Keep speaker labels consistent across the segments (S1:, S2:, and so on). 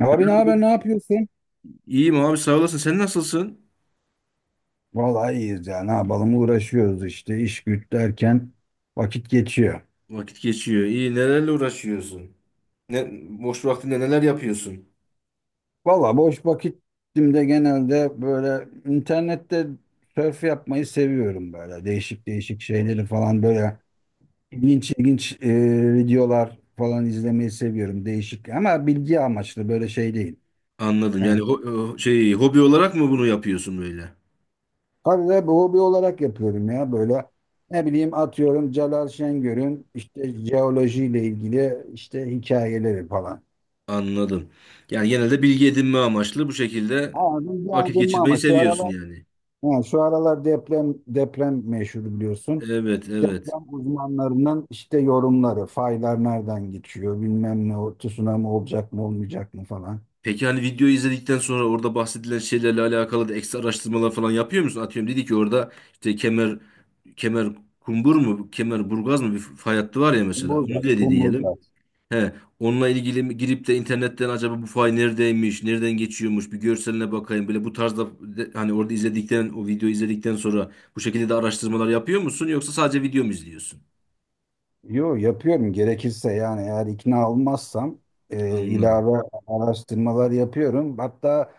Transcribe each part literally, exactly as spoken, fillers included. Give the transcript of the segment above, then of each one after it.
S1: Abi ne
S2: Merhaba
S1: haber,
S2: dur.
S1: ne yapıyorsun?
S2: İyiyim abi sağ olasın. Sen nasılsın?
S1: Vallahi iyiyiz ya. Ne yapalım? Uğraşıyoruz işte iş güç derken vakit geçiyor.
S2: Vakit geçiyor. İyi. Nelerle uğraşıyorsun? Ne, boş vaktinde neler yapıyorsun?
S1: Vallahi boş vakitimde genelde böyle internette surf yapmayı seviyorum böyle. Değişik değişik şeyleri falan böyle ilginç ilginç e, videolar falan izlemeyi seviyorum. Değişik ama bilgi amaçlı böyle şey değil.
S2: Anladım. Yani
S1: Yani
S2: ho- o şey hobi olarak mı bunu yapıyorsun böyle?
S1: tabii bu hobi olarak yapıyorum ya böyle ne bileyim atıyorum Celal Şengör'ün işte jeolojiyle ilgili işte hikayeleri falan.
S2: Anladım. Yani genelde bilgi edinme amaçlı bu şekilde
S1: Aldım
S2: vakit
S1: aldım
S2: geçirmeyi
S1: ama şu
S2: seviyorsun
S1: aralar
S2: yani.
S1: he, şu aralar deprem deprem meşhur biliyorsun.
S2: Evet, evet.
S1: Deprem uzmanlarının işte yorumları, faylar nereden geçiyor, bilmem ne, o tsunami olacak mı olmayacak mı falan.
S2: Peki hani videoyu izledikten sonra orada bahsedilen şeylerle alakalı da ekstra araştırmalar falan yapıyor musun? Atıyorum dedi ki orada işte kemer kemer kumbur mu, kemer burgaz mı bir fay hattı var ya mesela. Onu
S1: Kumburgaz,
S2: dedi diyelim.
S1: kumburgaz.
S2: He, onunla ilgili mi- girip de internetten acaba bu fay neredeymiş, nereden geçiyormuş bir görseline bakayım. Böyle bu tarzda de- hani orada izledikten, o videoyu izledikten sonra bu şekilde de araştırmalar yapıyor musun yoksa sadece video mu izliyorsun?
S1: Yo, yapıyorum gerekirse yani eğer ikna olmazsam e,
S2: Anladım.
S1: ilave araştırmalar yapıyorum. Hatta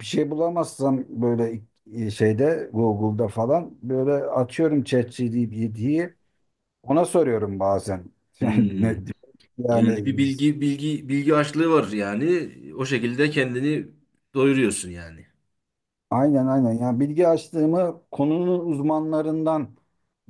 S1: bir şey bulamazsam böyle e, şeyde Google'da falan böyle açıyorum ChatGPT'yi, ona soruyorum bazen. Yani,
S2: Hmm.
S1: ne-
S2: Yani bir
S1: yani
S2: bilgi bilgi bilgi açlığı var yani o şekilde kendini doyuruyorsun yani.
S1: aynen aynen, yani bilgi açlığımı konunun uzmanlarından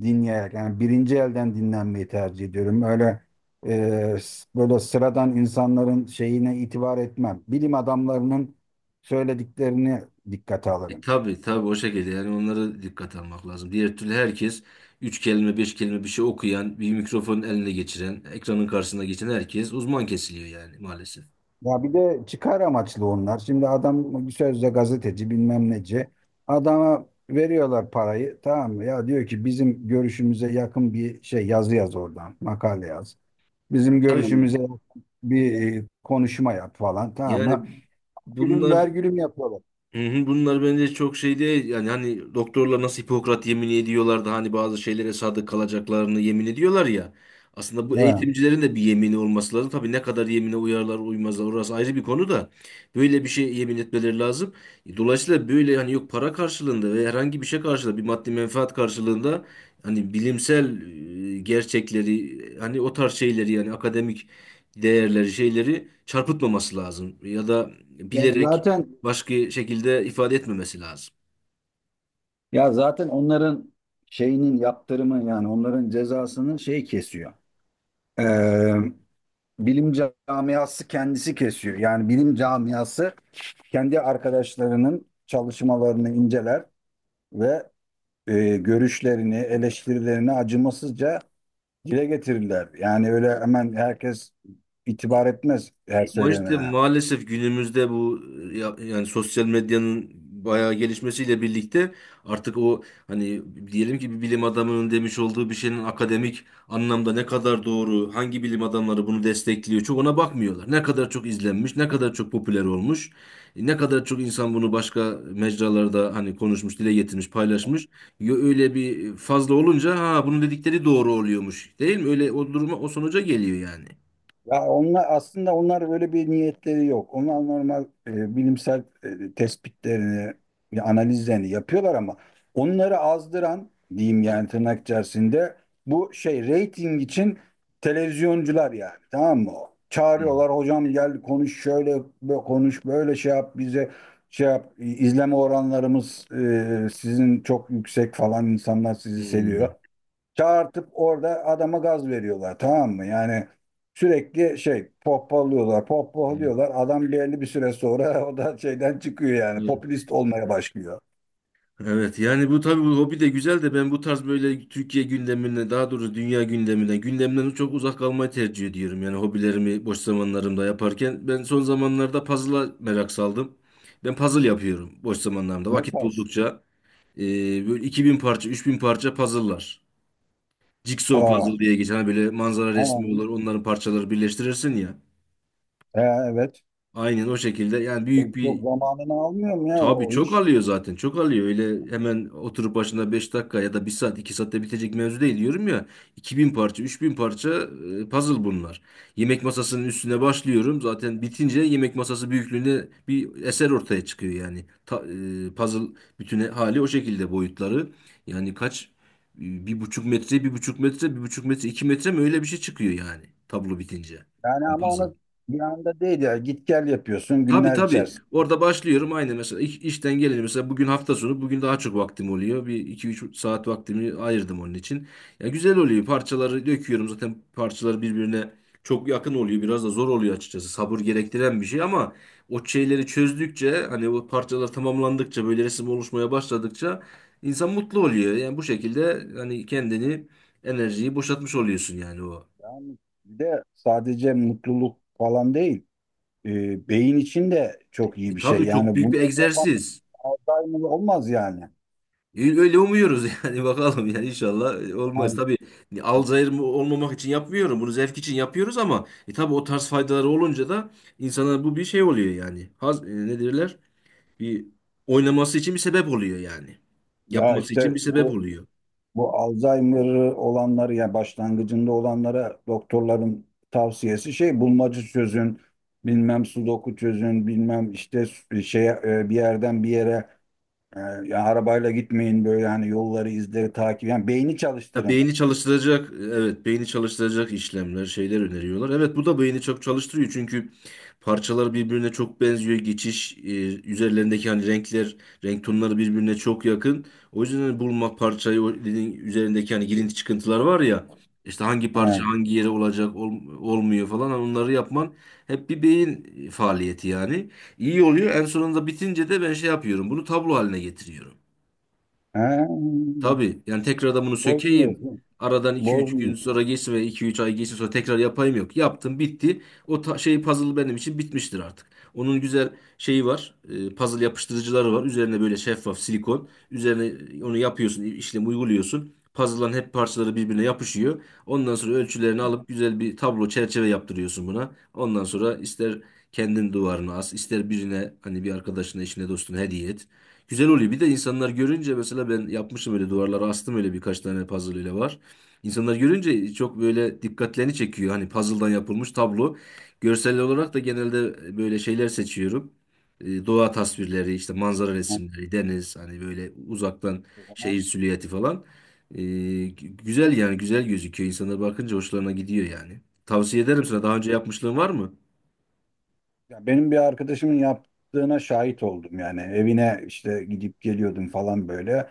S1: dinleyerek yani birinci elden dinlenmeyi tercih ediyorum. Öyle e, s- böyle sıradan insanların şeyine itibar etmem. Bilim adamlarının söylediklerini dikkate
S2: E,
S1: alırım.
S2: tabii tabii o şekilde yani onlara dikkat almak lazım. Diğer türlü herkes üç kelime beş kelime bir şey okuyan bir mikrofonun eline geçiren ekranın karşısına geçen herkes uzman kesiliyor yani maalesef.
S1: Ya bir de çıkar amaçlı onlar. Şimdi adam bir sözde gazeteci bilmem neci. Adama veriyorlar parayı, tamam mı? Ya diyor ki bizim görüşümüze yakın bir şey, yazı yaz oradan. Makale yaz. Bizim
S2: Ya, tabii
S1: görüşümüze yakın bir e, konuşma yap falan, tamam
S2: yani
S1: mı? Gülüm
S2: bunlar
S1: ver gülüm yapıyorlar.
S2: hı hı. Bunlar bence çok şey değil yani hani doktorlar nasıl Hipokrat yemini ediyorlar da hani bazı şeylere sadık kalacaklarını yemin ediyorlar ya. Aslında bu
S1: Ha.
S2: eğitimcilerin de bir yemini olması lazım. Tabii ne kadar yemine uyarlar uymazlar orası ayrı bir konu da böyle bir şey yemin etmeleri lazım. E, Dolayısıyla böyle hani yok para karşılığında ve herhangi bir şey karşılığında bir maddi menfaat karşılığında hani bilimsel e, gerçekleri e, hani o tarz şeyleri yani akademik değerleri şeyleri çarpıtmaması lazım ya da, evet,
S1: Ya
S2: bilerek
S1: zaten
S2: başka şekilde ifade etmemesi lazım.
S1: ya zaten onların şeyinin yaptırımı, yani onların cezasının şey kesiyor. Bilim camiası kendisi kesiyor. Yani bilim camiası kendi arkadaşlarının çalışmalarını inceler ve e, görüşlerini, eleştirilerini acımasızca dile getirirler. Yani öyle hemen herkes itibar etmez her
S2: Ama işte
S1: söylenene.
S2: maalesef günümüzde bu e, ya- yani sosyal medyanın bayağı gelişmesiyle birlikte artık o hani diyelim ki bir bilim adamının demiş olduğu bir şeyin akademik anlamda ne kadar doğru, hangi bilim adamları bunu destekliyor çok ona bakmıyorlar. Ne kadar çok izlenmiş, ne kadar çok popüler olmuş, e, ne kadar çok insan bunu başka mecralarda hani konuşmuş, dile getirmiş, paylaşmış. Yo- Öyle bir fazla olunca ha bunun dedikleri doğru oluyormuş değil mi? Öyle o duruma o sonuca geliyor yani.
S1: Ya onlar aslında, onlar böyle bir niyetleri yok. Onlar normal e, bilimsel e, tespitlerini, e, analizlerini yapıyorlar ama onları azdıran diyeyim, yani tırnak içerisinde, bu şey reyting için televizyoncular yani, tamam mı?
S2: Hı.
S1: Çağırıyorlar, hocam gel konuş şöyle bö- konuş böyle, şey yap bize, şey yap, izleme oranlarımız e, sizin çok yüksek falan, insanlar sizi
S2: Hmm.
S1: seviyor, çağırtıp orada adama gaz veriyorlar, tamam mı? Yani sürekli şey, pohpohluyorlar, pohpohluyorlar. Adam belli bir süre sonra o da şeyden çıkıyor yani,
S2: Evet,
S1: popülist olmaya başlıyor.
S2: evet, yani bu tabii bu hobi de güzel de ben bu tarz böyle Türkiye gündemine daha doğrusu dünya gündemine gündemden çok uzak kalmayı tercih ediyorum. Yani hobilerimi boş zamanlarımda yaparken ben son zamanlarda puzzle'a merak saldım. Ben puzzle yapıyorum boş zamanlarımda
S1: Ne
S2: vakit
S1: tarz?
S2: buldukça. Ee, böyle iki bin parça üç bin parça puzzle'lar. Jigsaw
S1: Aa,
S2: puzzle diye geçen hani böyle manzara
S1: aa,
S2: resmi olur onların parçaları birleştirirsin ya.
S1: e, evet.
S2: Aynen o şekilde yani büyük
S1: Çok,
S2: bir
S1: çok zamanını almıyor mu ya o
S2: tabii
S1: o
S2: çok
S1: iş?
S2: alıyor zaten. Çok alıyor. Öyle hemen oturup başına beş dakika ya da bir saat iki saatte bitecek mevzu değil diyorum ya. iki bin parça üç bin parça e, puzzle bunlar. Yemek masasının üstüne başlıyorum. Zaten bitince yemek masası büyüklüğünde bir eser ortaya çıkıyor yani. Ta- e, puzzle bütün hali o şekilde boyutları. Yani kaç e, bir buçuk metre bir buçuk metre bir buçuk metre iki metre mi öyle bir şey çıkıyor yani tablo bitince.
S1: Yani ama
S2: Puzzle.
S1: onu bir anda değil ya, git gel yapıyorsun
S2: Tabii
S1: günler
S2: tabii.
S1: içerisinde.
S2: Orada başlıyorum aynı mesela iş- işten gelince mesela bugün hafta sonu bugün daha çok vaktim oluyor. Bir iki üç saat vaktimi ayırdım onun için. Ya güzel oluyor. Parçaları döküyorum zaten parçaları birbirine çok yakın oluyor. Biraz da zor oluyor açıkçası. Sabır gerektiren bir şey ama o şeyleri çözdükçe hani o parçalar tamamlandıkça böyle resim oluşmaya başladıkça insan mutlu oluyor. Yani bu şekilde hani kendini enerjiyi boşaltmış oluyorsun yani o.
S1: Yani bir de sadece mutluluk falan değil. E, beyin için de çok iyi
S2: E
S1: bir şey.
S2: tabii çok
S1: Yani
S2: büyük
S1: bunu
S2: bir
S1: yapan
S2: egzersiz.
S1: Alzheimer olmaz yani.
S2: Öyle umuyoruz yani bakalım yani inşallah e, olmaz.
S1: Yani
S2: Tabii e, alzheimer mı- olmamak için yapmıyorum. Bunu zevk için yapıyoruz ama e, tabii o tarz faydaları olunca da insana bu bir şey oluyor yani. Haz, e, ne derler? Bir oynaması için bir sebep oluyor yani.
S1: ya
S2: Yapması için
S1: işte
S2: bir sebep
S1: bu,
S2: oluyor.
S1: bu Alzheimer olanları ya başlangıcında olanlara doktorların tavsiyesi şey, bulmaca çözün, bilmem sudoku çözün, bilmem işte şey, bir yerden bir yere e, ya arabayla gitmeyin böyle, yani yolları izleri takip, yani beyni
S2: Ha,
S1: çalıştırın.
S2: beyni çalıştıracak, evet beyni çalıştıracak işlemler, şeyler öneriyorlar. Evet bu da beyni çok çalıştırıyor çünkü parçalar birbirine çok benziyor. Geçiş, e, üzerlerindeki hani renkler, renk tonları birbirine çok yakın. O yüzden hani bulmak parçayı, o dediğin üzerindeki hani girinti çıkıntılar var ya, işte hangi parça
S1: He.
S2: hangi yere olacak, ol- olmuyor falan hani onları yapman hep bir beyin faaliyeti yani. İyi oluyor. En sonunda bitince de ben şey yapıyorum, bunu tablo haline getiriyorum.
S1: He.
S2: Tabii yani tekrardan bunu sökeyim.
S1: Bozmuyorsun.
S2: Aradan iki üç gün
S1: Bozmuyorsun.
S2: sonra geçsin ve iki üç ay geçsin sonra tekrar yapayım yok. Yaptım bitti. O ta- şey puzzle benim için bitmiştir artık. Onun güzel şeyi var. E, puzzle yapıştırıcıları var. Üzerine böyle şeffaf silikon. Üzerine onu yapıyorsun, işlemi uyguluyorsun. Puzzle'ların hep parçaları birbirine yapışıyor. Ondan sonra ölçülerini alıp güzel bir tablo çerçeve yaptırıyorsun buna. Ondan sonra ister kendin duvarına as, ister birine hani bir arkadaşına, eşine, dostuna hediye et. Güzel oluyor. Bir de insanlar görünce mesela ben yapmışım öyle duvarlara astım öyle birkaç tane puzzle ile var. İnsanlar görünce çok böyle dikkatlerini çekiyor. Hani puzzle'dan yapılmış tablo. Görsel olarak da genelde e, böyle şeyler seçiyorum. E, Doğa tasvirleri, işte manzara
S1: Tamam,
S2: resimleri, deniz, hani böyle uzaktan
S1: o zaman.
S2: şehir silüeti falan. E, güzel yani güzel gözüküyor. İnsanlar bakınca hoşlarına gidiyor yani. Tavsiye ederim sana. Daha önce yapmışlığın var mı?
S1: Ya benim bir arkadaşımın yaptığına şahit oldum yani, evine işte gidip geliyordum falan böyle.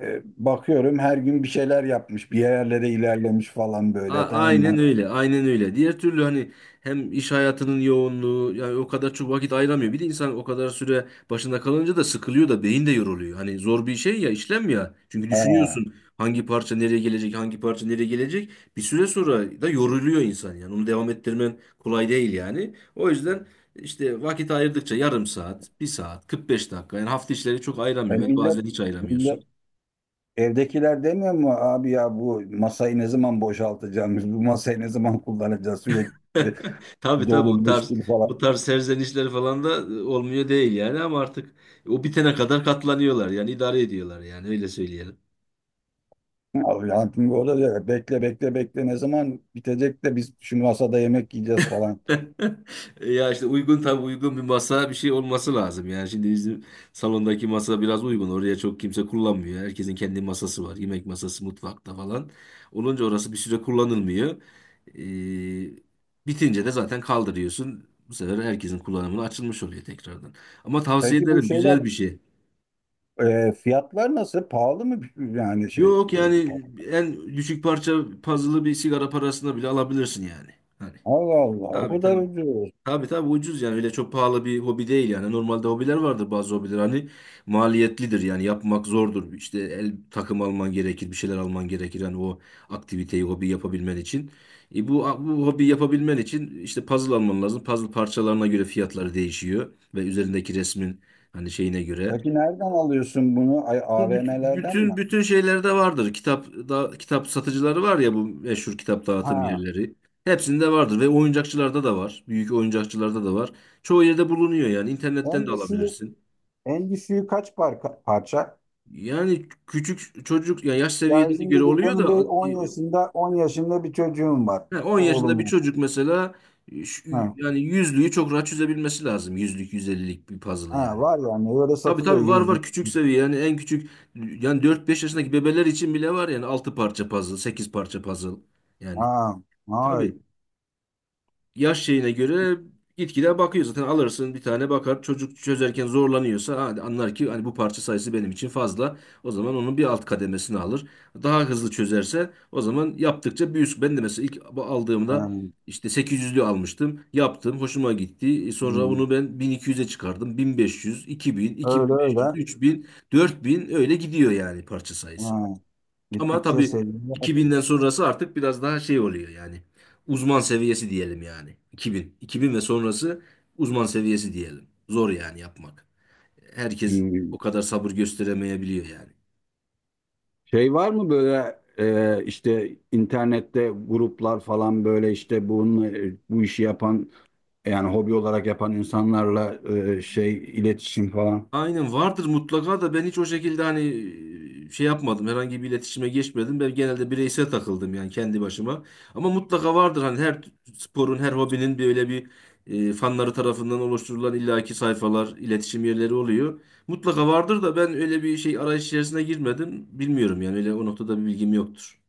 S1: E, bakıyorum her gün bir şeyler yapmış, bir yerlere ilerlemiş falan
S2: A-
S1: böyle, tamam
S2: Aynen
S1: mı?
S2: öyle, aynen öyle. Diğer türlü hani hem iş hayatının yoğunluğu yani o kadar çok vakit ayıramıyor. Bir de insan o kadar süre başında kalınca da sıkılıyor da beyin de yoruluyor. Hani zor bir şey ya işlem ya. Çünkü
S1: Ha.
S2: düşünüyorsun hangi parça nereye gelecek, hangi parça nereye gelecek. Bir süre sonra da yoruluyor insan yani. Onu devam ettirmen kolay değil yani. O yüzden işte vakit ayırdıkça yarım saat, bir saat, kırk beş dakika. Yani hafta içleri çok
S1: E,
S2: ayıramıyor ve
S1: millet,
S2: bazen hiç
S1: millet
S2: ayıramıyorsun.
S1: evdekiler demiyor mu abi ya, bu masayı ne zaman boşaltacağımız, bu masayı ne zaman kullanacağız, sürekli
S2: Tabii tabii
S1: dolu
S2: o tarz
S1: meşgul falan.
S2: o tarz serzenişleri falan da e, olmuyor değil yani ama artık o bitene kadar katlanıyorlar yani idare ediyorlar yani öyle söyleyelim.
S1: Abi hayatım o da diyor, bekle bekle bekle, ne zaman bitecek de biz şu masada yemek yiyeceğiz falan.
S2: Ya işte uygun tabii uygun bir masa bir şey olması lazım yani şimdi bizim salondaki masa biraz uygun oraya çok kimse kullanmıyor herkesin kendi masası var yemek masası mutfakta falan olunca orası bir süre kullanılmıyor. Ee, bitince de zaten kaldırıyorsun bu sefer herkesin kullanımına açılmış oluyor tekrardan ama tavsiye
S1: Peki bu
S2: ederim
S1: şeyler,
S2: güzel bir şey.
S1: Ee, fiyatlar nasıl? Pahalı mı yani şey?
S2: Yok yani en düşük parça puzzle'ı bir sigara parasına bile alabilirsin yani. Hani
S1: Allah Allah, o
S2: tabii
S1: kadar
S2: tabii.
S1: ucuz.
S2: Tabii tabii ucuz yani öyle çok pahalı bir hobi değil yani. Normalde hobiler vardır bazı hobiler hani maliyetlidir yani yapmak zordur. İşte el takım alman gerekir, bir şeyler alman gerekir hani o aktiviteyi, hobi yapabilmen için. E bu bu hobi yapabilmen için işte puzzle alman lazım. Puzzle parçalarına göre fiyatları değişiyor ve üzerindeki resmin hani şeyine göre.
S1: Peki nereden alıyorsun bunu? Ay,
S2: Bu büt-
S1: A V M'lerden mi?
S2: bütün bütün şeylerde vardır. Kitap da kitap satıcıları var ya bu meşhur kitap dağıtım
S1: Ha,
S2: yerleri. Hepsinde vardır ve oyuncakçılarda da var. Büyük oyuncakçılarda da var. Çoğu yerde bulunuyor yani internetten
S1: en
S2: de
S1: düşüğü,
S2: alabilirsin.
S1: en düşüğü kaç parka, parça?
S2: Yani küçük çocuk yani yaş
S1: Ya
S2: seviyesine
S1: şimdi
S2: göre
S1: bu-
S2: oluyor
S1: benim
S2: da
S1: bir
S2: e,
S1: on yaşında, on yaşında bir çocuğum var.
S2: ha, on yaşında bir
S1: Oğlum var.
S2: çocuk mesela e, şu-
S1: Ha,
S2: yani yüzlüğü çok rahat çözebilmesi lazım. Yüzlük, yüz ellilik bir puzzle
S1: ha,
S2: yani.
S1: var yani, öyle
S2: Tabii
S1: satılıyor
S2: tabii var var
S1: yüzlük.
S2: küçük seviye yani en küçük yani dört beş yaşındaki bebeler için bile var yani altı parça puzzle sekiz parça puzzle
S1: Ha,
S2: yani
S1: ay,
S2: tabii yaş şeyine göre gitgide bakıyor zaten alırsın bir tane bakar çocuk çözerken zorlanıyorsa hadi anlar ki hani bu parça sayısı benim için fazla o zaman onun bir alt kademesini alır daha hızlı çözerse o zaman yaptıkça bir üst ben de mesela ilk bu
S1: ha,
S2: aldığımda işte sekiz yüzlü almıştım yaptım hoşuma gitti E sonra
S1: hmm.
S2: onu ben bin iki yüze çıkardım bin beş yüz iki bin
S1: Öyle
S2: iki bin beş yüz 3000
S1: öyle.
S2: bin iki bin beş yüz, üç bin, dört bin, öyle gidiyor yani parça sayısı.
S1: Ha,
S2: Ama
S1: gittikçe
S2: tabii
S1: seviyor.
S2: iki binden sonrası artık biraz daha şey oluyor yani. Uzman seviyesi diyelim yani. iki bin. iki bin ve sonrası uzman seviyesi diyelim. Zor yani yapmak. Herkes
S1: Hmm.
S2: o kadar sabır gösteremeyebiliyor yani.
S1: Şey var mı böyle e, işte internette gruplar falan, böyle işte bunun e, bu işi yapan yani hobi olarak yapan insanlarla e, şey iletişim falan.
S2: Aynen vardır mutlaka da ben hiç o şekilde hani e, şey yapmadım. Herhangi bir iletişime geçmedim. Ben genelde bireysel takıldım yani kendi başıma. Ama mutlaka vardır hani her sporun, her hobinin böyle bir e, fanları tarafından oluşturulan illaki sayfalar, iletişim yerleri oluyor. Mutlaka vardır da ben öyle bir şey arayış içerisine girmedim. Bilmiyorum yani öyle o noktada bir bilgim yoktur.